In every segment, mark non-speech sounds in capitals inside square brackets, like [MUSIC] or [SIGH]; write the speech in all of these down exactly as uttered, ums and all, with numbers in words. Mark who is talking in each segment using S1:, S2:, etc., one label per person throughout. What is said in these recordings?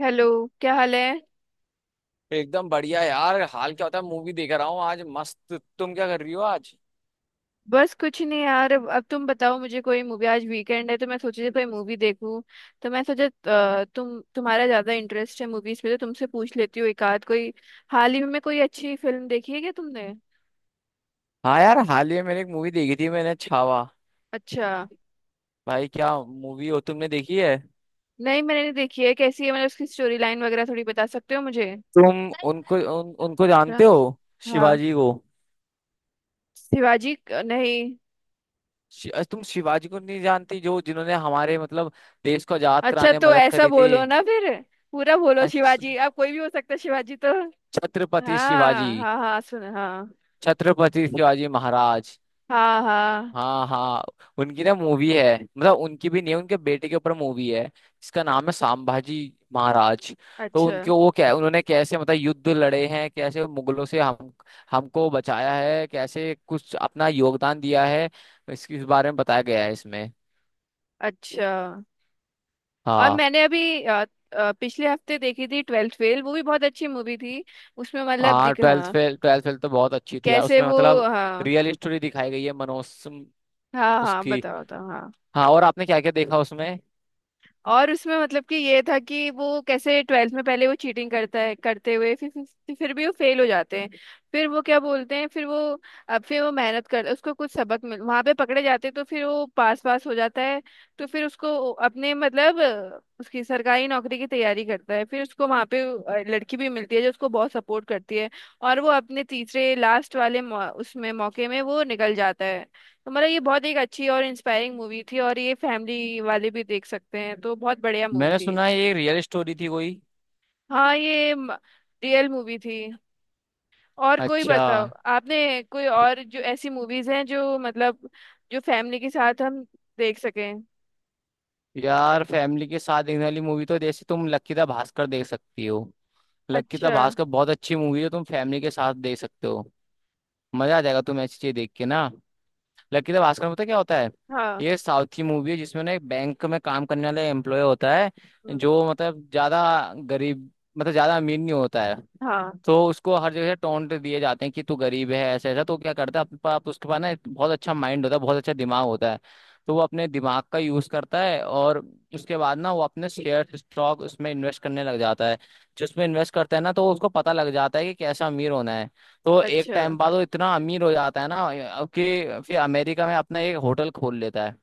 S1: Hello. क्या हाल है।
S2: एकदम बढ़िया यार। हाल क्या होता है, मूवी देख रहा हूँ आज। मस्त, तुम क्या कर रही हो आज?
S1: बस कुछ नहीं यार। अब अब तुम बताओ मुझे कोई मूवी। आज वीकेंड है तो मैं सोची थी कोई मूवी देखूं। तो मैं सोचा अ, तुम तुम्हारा ज्यादा इंटरेस्ट है मूवीज पे, तो तुमसे पूछ लेती हूँ एक आध कोई। हाल ही में कोई अच्छी फिल्म देखी है क्या तुमने।
S2: हाँ यार, हाल ही में मैंने एक मूवी देखी थी, मैंने छावा।
S1: अच्छा।
S2: भाई क्या मूवी हो, तुमने देखी है?
S1: नहीं, मैंने नहीं देखी है। कैसी है, मतलब उसकी स्टोरी लाइन वगैरह थोड़ी बता सकते हो मुझे।
S2: तुम उनको उन, उनको
S1: रा-
S2: जानते हो?
S1: हाँ।
S2: शिवाजी को।
S1: शिवाजी क- नहीं।
S2: शि, अ, तुम शिवाजी को नहीं जानती, जो जिन्होंने हमारे मतलब देश को आजाद
S1: अच्छा
S2: कराने में
S1: तो
S2: मदद
S1: ऐसा
S2: करी थी।
S1: बोलो ना फिर। पूरा बोलो।
S2: अच्छा,
S1: शिवाजी अब कोई भी हो सकता है शिवाजी तो।
S2: छत्रपति शिवाजी,
S1: हाँ हाँ हाँ, सुन, हाँ।
S2: छत्रपति शिवाजी महाराज।
S1: हाँ हाँ।
S2: हाँ हाँ। उनकी ना मूवी है, मतलब उनकी भी नहीं है, उनके बेटे के ऊपर मूवी है। इसका नाम है सांभाजी महाराज। तो
S1: अच्छा।
S2: उनके वो क्या उन्होंने कैसे मतलब युद्ध लड़े हैं, कैसे मुगलों से हम हमको बचाया है, कैसे कुछ अपना योगदान दिया है, इसके इस बारे में बताया गया है इसमें।
S1: अच्छा। और
S2: हाँ
S1: मैंने अभी अ, अ, पिछले हफ्ते देखी थी ट्वेल्थ फेल। वो भी बहुत अच्छी मूवी थी। उसमें मतलब
S2: हाँ,
S1: दिख,
S2: ट्वेल्थ
S1: हाँ।
S2: फेल, ट्वेल्थ फेल तो बहुत अच्छी थी यार।
S1: कैसे
S2: उसमें
S1: वो।
S2: मतलब
S1: हाँ।
S2: रियल स्टोरी दिखाई गई है, मनोज
S1: हाँ हाँ
S2: उसकी।
S1: बताओ बताओ हाँ।
S2: हाँ, और आपने क्या क्या देखा उसमें?
S1: और उसमें मतलब कि ये था कि वो कैसे ट्वेल्थ में पहले वो चीटिंग करता है, करते हुए फिर फिर फिर भी वो फेल हो जाते हैं। फिर वो क्या बोलते हैं, फिर वो, अब फिर वो मेहनत कर, उसको कुछ सबक मिल, वहां पे पकड़े जाते हैं तो फिर वो पास पास हो जाता है। तो फिर उसको अपने मतलब अ, उसकी सरकारी नौकरी की तैयारी करता है। फिर उसको वहां पे अ, लड़की भी मिलती है जो उसको बहुत सपोर्ट करती है। और वो अपने तीसरे लास्ट वाले मौ, उसमें मौके में वो निकल जाता है। तो मतलब ये बहुत एक अच्छी और इंस्पायरिंग मूवी थी, और ये फैमिली वाले भी देख सकते हैं, तो बहुत बढ़िया मूवी
S2: मैंने
S1: थी।
S2: सुना है ये रियल स्टोरी थी कोई।
S1: हाँ ये रियल मूवी थी। और कोई
S2: अच्छा
S1: बताओ, आपने कोई और जो ऐसी मूवीज हैं जो मतलब जो फैमिली के साथ हम देख सकें।
S2: यार, फैमिली के साथ देखने वाली मूवी तो जैसे तुम लक्की द भास्कर देख सकती हो। लक्की द
S1: अच्छा।
S2: भास्कर बहुत अच्छी मूवी है, तुम फैमिली के साथ देख सकते हो। मजा आ जाएगा तुम्हें ऐसी चीज देख के ना। लकीला भास्कर में पता है क्या होता है?
S1: हाँ।
S2: ये साउथ की मूवी है, जिसमें ना एक बैंक में काम करने वाला एम्प्लॉय होता है,
S1: हम्म,
S2: जो मतलब ज्यादा गरीब, मतलब ज्यादा अमीर नहीं होता है।
S1: हाँ।
S2: तो उसको हर जगह से टोंट दिए जाते हैं कि तू गरीब है, ऐसा ऐसा। तो क्या करता है, अपने पास उसके पास ना एक बहुत अच्छा माइंड होता है, बहुत अच्छा दिमाग होता है। तो वो अपने दिमाग का यूज करता है, और उसके बाद ना वो अपने शेयर स्टॉक उसमें इन्वेस्ट करने लग जाता है। जिसमें इन्वेस्ट करता है ना, तो उसको पता लग जाता है कि कैसा अमीर होना है। तो एक
S1: अच्छा।
S2: टाइम बाद वो इतना अमीर हो जाता है ना, अब कि फिर अमेरिका में अपना एक होटल खोल लेता है।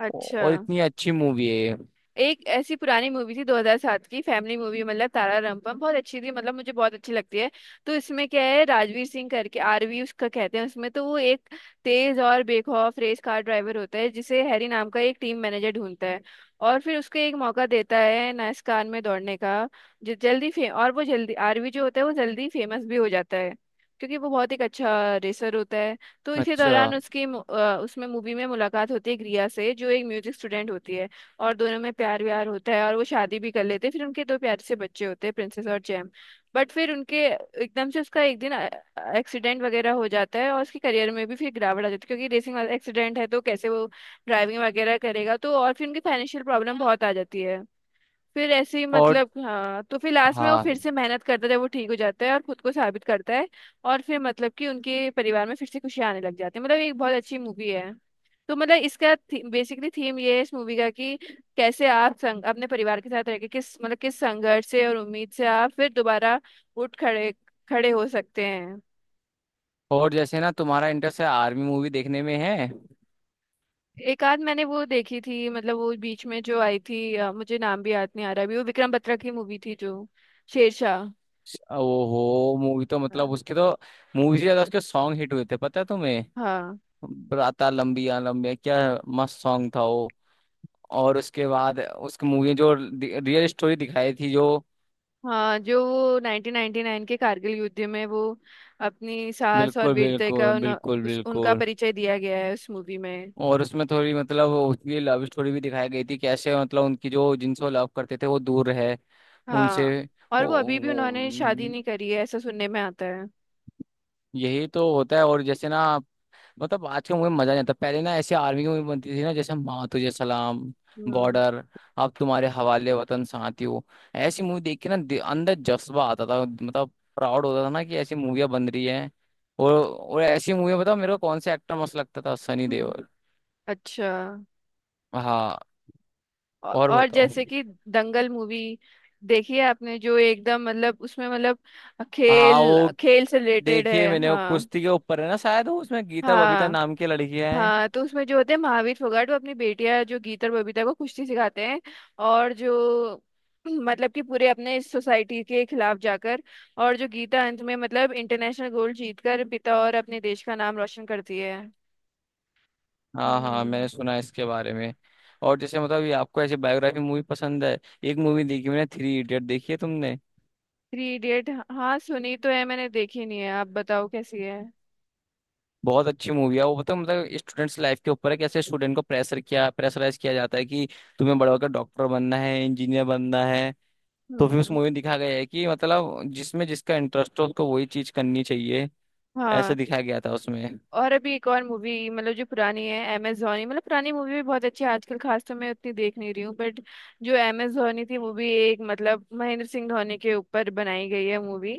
S1: अच्छा।
S2: और इतनी अच्छी मूवी है ये।
S1: एक ऐसी पुरानी मूवी थी दो हज़ार सात की फैमिली मूवी मतलब तारा रामपम, बहुत अच्छी थी, मतलब मुझे बहुत अच्छी लगती है। तो इसमें क्या है, राजवीर सिंह करके आर वी उसका कहते हैं उसमें, तो वो एक तेज और बेखौफ रेस कार ड्राइवर होता है, जिसे हैरी नाम का एक टीम मैनेजर ढूंढता है। और फिर उसको एक मौका देता है नाइस्कान में दौड़ने का। जो जल्दी फे और वो जल्दी आर वी जो होता है वो जल्दी फेमस भी हो जाता है, क्योंकि वो बहुत एक अच्छा रेसर होता है। तो इसी
S2: अच्छा।
S1: दौरान उसकी मु- अ, उसमें मूवी में मुलाकात होती है ग्रिया से, जो एक म्यूजिक स्टूडेंट होती है। और दोनों में प्यार व्यार होता है और वो शादी भी कर लेते हैं। फिर उनके दो प्यारे से बच्चे होते हैं, प्रिंसेस और जैम। बट फिर उनके एकदम से उसका एक दिन एक्सीडेंट वगैरह हो जाता है, और उसके करियर में भी फिर गिरावट आ जाती है, क्योंकि रेसिंग वाला एक्सीडेंट है तो कैसे वो ड्राइविंग वगैरह करेगा। तो और फिर उनकी फाइनेंशियल प्रॉब्लम बहुत आ जाती है। फिर ऐसे ही
S2: और
S1: मतलब हाँ, तो फिर लास्ट में वो फिर
S2: हाँ,
S1: से मेहनत करता है जब वो ठीक हो जाता है और खुद को साबित करता है। और फिर मतलब कि उनके परिवार में फिर से खुशी आने लग जाती है। मतलब एक बहुत अच्छी मूवी है। तो मतलब इसका बेसिकली थीम ये है इस मूवी का कि कैसे आप संग, अपने परिवार के साथ रहकर किस मतलब किस संघर्ष से और उम्मीद से आप फिर दोबारा उठ खड़े खड़े हो सकते हैं।
S2: और जैसे ना तुम्हारा इंटरेस्ट है, आर्मी मूवी देखने में है।
S1: एक आध मैंने वो देखी थी मतलब वो बीच में जो आई थी अ, मुझे नाम भी याद नहीं आ रहा अभी, वो विक्रम बत्रा की मूवी थी जो शेरशाह।
S2: वो हो मूवी, तो मतलब
S1: हाँ।
S2: उसके तो मूवी से ज्यादा उसके सॉन्ग हिट हुए थे, पता है तुम्हें?
S1: हाँ
S2: राता लंबिया लंबिया क्या मस्त सॉन्ग था वो। और उसके बाद उसकी मूवी जो रियल स्टोरी दिखाई थी जो,
S1: हाँ। जो वो नाइनटीन नाइंटी नाइन के कारगिल युद्ध में वो अपनी साहस और
S2: बिल्कुल
S1: वीरता
S2: बिल्कुल
S1: का उन,
S2: बिल्कुल
S1: उस, उनका
S2: बिल्कुल।
S1: परिचय दिया गया है उस मूवी में।
S2: और उसमें थोड़ी मतलब उसकी लव स्टोरी भी दिखाई गई थी, कैसे मतलब उनकी जो जिनसे वो लव करते थे वो दूर रहे उनसे।
S1: हाँ। और
S2: वो,
S1: वो अभी भी उन्होंने शादी
S2: वो
S1: नहीं करी है ऐसा सुनने में आता है।
S2: यही तो होता है। और जैसे ना, मतलब आज के मूवी में मजा नहीं आता, पहले ना ऐसे आर्मी की मूवी बनती थी ना, जैसे माँ तुझे सलाम,
S1: हम्म।
S2: बॉर्डर, अब तुम्हारे हवाले वतन साथियों। ऐसी मूवी देख के ना दि- अंदर जज्बा आता था, मतलब प्राउड होता था ना कि ऐसी मूवियाँ बन रही हैं। और और ऐसी मूवी बताओ मेरे को, कौन सा एक्टर मस्त लगता था? सनी
S1: हम्म।
S2: देओल।
S1: अच्छा।
S2: हाँ,
S1: औ-
S2: और
S1: और
S2: बताओ।
S1: जैसे कि दंगल मूवी देखी है आपने, जो एकदम मतलब उसमें मतलब
S2: हाँ
S1: खेल
S2: वो
S1: खेल से रिलेटेड
S2: देखिए,
S1: है,
S2: मैंने वो
S1: हाँ।
S2: कुश्ती के ऊपर है ना शायद वो, उसमें गीता बबीता
S1: हाँ।
S2: नाम की लड़कियां हैं।
S1: हाँ तो उसमें जो होते हैं महावीर फोगाट, वो अपनी बेटियां जो गीता और बबीता को कुश्ती सिखाते हैं। और जो [CLEARS THROAT] मतलब कि पूरे अपने सोसाइटी के खिलाफ जाकर, और जो गीता अंत में मतलब इंटरनेशनल गोल्ड जीतकर पिता और अपने देश का नाम रोशन करती है।
S2: हाँ हाँ,
S1: हम्म।
S2: मैंने सुना है इसके बारे में। और जैसे मतलब ये आपको ऐसी बायोग्राफी मूवी पसंद है? एक मूवी देखी मैंने, थ्री इडियट देखी है तुमने?
S1: थ्री इडियट, हाँ सुनी तो है मैंने, देखी नहीं है। आप बताओ कैसी है।
S2: बहुत अच्छी मूवी है वो, बताओ मतलब स्टूडेंट्स लाइफ के ऊपर है, कैसे स्टूडेंट को प्रेशर किया प्रेशराइज किया जाता है कि तुम्हें बड़ा होकर डॉक्टर बनना है, इंजीनियर बनना है। तो फिर उस
S1: हम्म।
S2: मूवी में दिखा गया है कि मतलब जिसमें जिसका इंटरेस्ट हो, उसको वही चीज करनी चाहिए, ऐसा
S1: हाँ।
S2: दिखाया गया था उसमें।
S1: और अभी एक और मूवी मतलब जो पुरानी है अमेजोनी, मतलब पुरानी मूवी भी बहुत अच्छी है। आजकल खास तो मैं उतनी देख नहीं रही हूँ बट जो अमेजोनी थी वो भी एक मतलब महेंद्र सिंह धोनी के ऊपर बनाई गई है मूवी।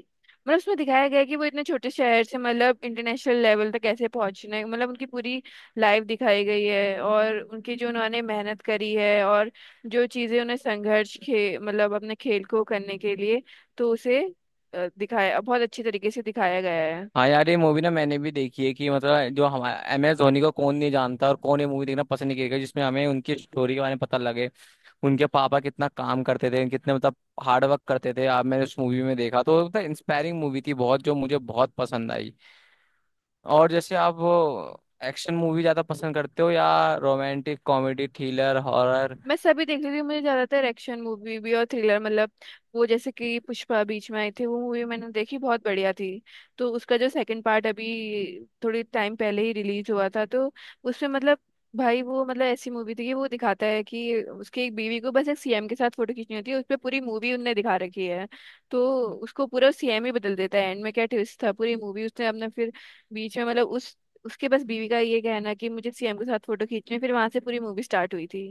S1: मतलब उसमें दिखाया गया है कि वो इतने छोटे शहर से मतलब इंटरनेशनल लेवल तक कैसे पहुंचने, मतलब उनकी पूरी लाइफ दिखाई गई है, और उनकी जो उन्होंने मेहनत करी है, और जो चीज़ें उन्हें संघर्ष खे मतलब अपने खेल को करने के लिए, तो उसे अ, दिखाया, बहुत अच्छे तरीके से दिखाया गया है।
S2: हाँ यार, ये मूवी ना मैंने भी देखी है कि मतलब जो हमारा एम एस धोनी को कौन नहीं जानता, और कौन ये मूवी देखना पसंद नहीं करेगा जिसमें हमें उनकी स्टोरी के बारे में पता लगे। उनके पापा कितना काम करते थे, कितने मतलब हार्ड वर्क करते थे। आप मैंने उस मूवी में देखा, तो मतलब इंस्पायरिंग मूवी थी बहुत, जो मुझे बहुत पसंद आई। और जैसे आप एक्शन मूवी ज्यादा पसंद करते हो या रोमांटिक कॉमेडी थ्रिलर हॉरर?
S1: मैं सभी देख रही थी। मुझे ज्यादातर एक्शन मूवी भी और थ्रिलर मतलब, वो जैसे कि पुष्पा बीच में आई थी वो मूवी मैंने देखी, बहुत बढ़िया थी। तो उसका जो सेकंड पार्ट अभी थोड़ी टाइम पहले ही रिलीज हुआ था, तो उसमें मतलब भाई वो मतलब ऐसी मूवी थी कि वो दिखाता है कि उसकी एक बीवी को बस एक सी एम के साथ फोटो खींचनी होती है, उस पर पूरी मूवी उनने दिखा रखी है। तो उसको पूरा सी एम ही बदल देता है एंड में, क्या ट्विस्ट था। पूरी मूवी उसने अपना फिर बीच में मतलब उस, उसके बस बीवी का ये कहना कि मुझे सी एम के साथ फोटो खींचनी है, फिर वहां से पूरी मूवी स्टार्ट हुई थी।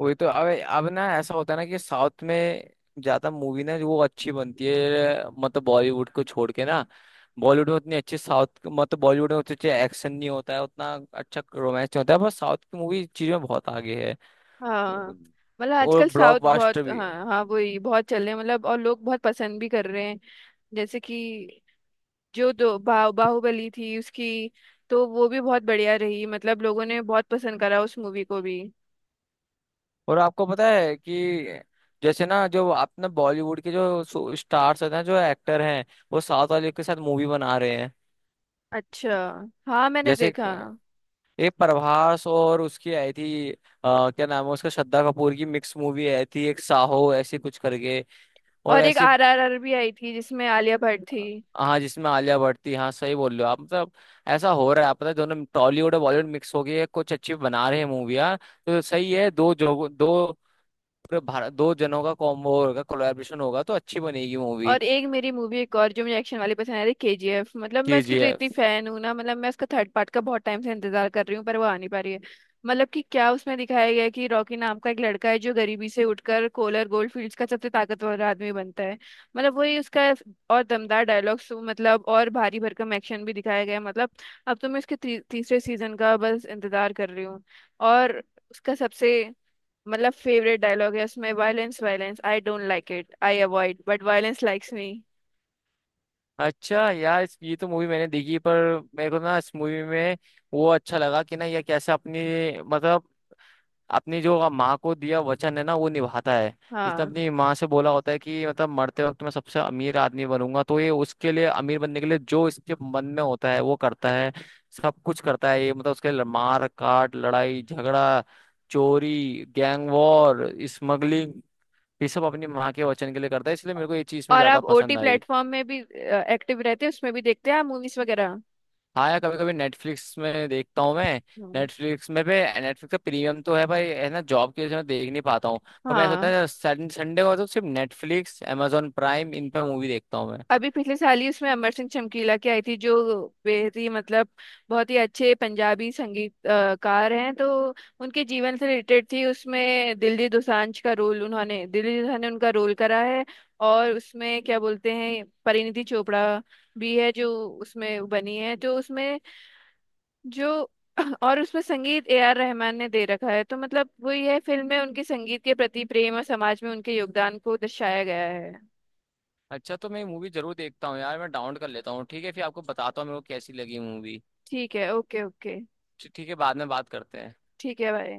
S2: वही तो, अब अब ना ऐसा होता है ना कि साउथ में ज्यादा मूवी ना जो वो अच्छी बनती है, मतलब बॉलीवुड को छोड़ के ना। बॉलीवुड में उतनी अच्छी साउथ, मतलब बॉलीवुड में उतने अच्छे एक्शन नहीं होता है, उतना अच्छा रोमांस नहीं होता है, पर साउथ की मूवी चीज में बहुत आगे है।
S1: हाँ। मतलब
S2: और
S1: आजकल साउथ
S2: ब्लॉकबस्टर
S1: बहुत,
S2: भी है।
S1: हाँ हाँ, वही बहुत चल रहे हैं, मतलब और लोग बहुत पसंद भी कर रहे हैं। जैसे कि जो दो बा, बाहुबली थी उसकी, तो वो भी बहुत बढ़िया रही, मतलब लोगों ने बहुत पसंद करा उस मूवी को भी।
S2: और आपको पता है कि जैसे ना जो अपना बॉलीवुड के जो स्टार्स होते हैं, जो एक्टर हैं, वो साउथ वाले के साथ मूवी बना रहे हैं।
S1: अच्छा। हाँ मैंने
S2: जैसे
S1: देखा।
S2: एक प्रभास और उसकी आई थी, आ, क्या नाम है उसका, श्रद्धा कपूर की मिक्स मूवी आई थी एक, साहो ऐसी कुछ करके। और
S1: और एक
S2: ऐसी,
S1: आर आर आर भी आई थी जिसमें आलिया भट्ट थी।
S2: हाँ जिसमें आलिया भट्ट थी, हाँ सही बोल रहे हो आप। मतलब ऐसा हो रहा है, आप पता है दोनों टॉलीवुड और बॉलीवुड मिक्स हो गई है, कुछ अच्छी बना रहे हैं मूवियाँ। तो सही है, दो जो दो पूरे भारत, दो जनों का कॉम्बो होगा, कोलैबोरेशन होगा, तो अच्छी बनेगी मूवी।
S1: और एक मेरी मूवी एक और जो मुझे एक्शन वाली पसंद आ रही के जी एफ, मतलब मैं
S2: के
S1: उसकी
S2: जी
S1: तो इतनी
S2: एफ
S1: फैन हूँ ना, मतलब मैं उसका थर्ड पार्ट का बहुत टाइम से इंतजार कर रही हूँ पर वो आ नहीं पा रही है। मतलब कि क्या उसमें दिखाया गया है कि रॉकी नाम का एक लड़का है जो गरीबी से उठकर कोलर गोल्ड फील्ड्स का सबसे ताकतवर आदमी बनता है। मतलब वही उसका, और दमदार डायलॉग्स मतलब, और भारी भरकम एक्शन भी दिखाया गया है मतलब। अब तो मैं उसके ती, तीसरे सीजन का बस इंतजार कर रही हूँ। और उसका सबसे मतलब फेवरेट डायलॉग है उसमें, violence, violence I don't like it, I avoid, but violence likes me.
S2: अच्छा यार, इस- ये तो मूवी मैंने देखी, पर मेरे को ना इस मूवी में वो अच्छा लगा कि ना ये कैसे अपनी मतलब अपनी जो आप माँ को दिया वचन है ना वो निभाता है। जिसने
S1: हाँ
S2: अपनी माँ से बोला होता है कि मतलब मरते वक्त मैं सबसे अमीर आदमी बनूंगा, तो ये उसके लिए अमीर बनने के लिए जो इसके मन में होता है वो करता है। सब कुछ करता है ये, मतलब उसके लिए मार काट लड़ाई झगड़ा, चोरी, गैंग वॉर, स्मगलिंग, ये सब अपनी माँ के वचन के लिए करता है, इसलिए मेरे को ये चीज में
S1: और
S2: ज्यादा
S1: आप ओ टी
S2: पसंद आई।
S1: प्लेटफॉर्म में भी एक्टिव रहते हैं, उसमें भी देखते हैं आप मूवीज वगैरह।
S2: हाँ यार, कभी कभी नेटफ्लिक्स में देखता हूँ मैं।
S1: हाँ।
S2: नेटफ्लिक्स में पे, नेटफ्लिक्स का प्रीमियम तो है भाई, है ना, जॉब की वजह से मैं देख नहीं पाता हूँ। पर मैं सोचता
S1: हाँ
S2: है संडे को तो, सिर्फ नेटफ्लिक्स amazon प्राइम इन पे मूवी देखता हूँ मैं।
S1: अभी पिछले साल ही उसमें अमर सिंह चमकीला की आई थी, जो बेहद ही मतलब बहुत ही अच्छे पंजाबी संगीतकार हैं, तो उनके जीवन से रिलेटेड थी। उसमें दिलजीत दोसांझ का रोल, उन्होंने दिलजीत दोसांझ ने उनका रोल करा है। और उसमें क्या बोलते हैं, परिणीति चोपड़ा भी है जो उसमें बनी है। तो उसमें जो [CLEARS THROAT] और उसमें संगीत ए आर रहमान ने दे रखा है। तो मतलब वो यह फिल्म में उनके संगीत के प्रति प्रेम और समाज में उनके योगदान को दर्शाया गया है।
S2: अच्छा तो मैं मूवी जरूर देखता हूँ यार, मैं डाउनलोड कर लेता हूँ, ठीक है, फिर आपको बताता हूँ मेरे को कैसी लगी मूवी।
S1: ठीक है, ओके ओके।
S2: ठीक है, बाद में बात करते हैं।
S1: ठीक है भाई।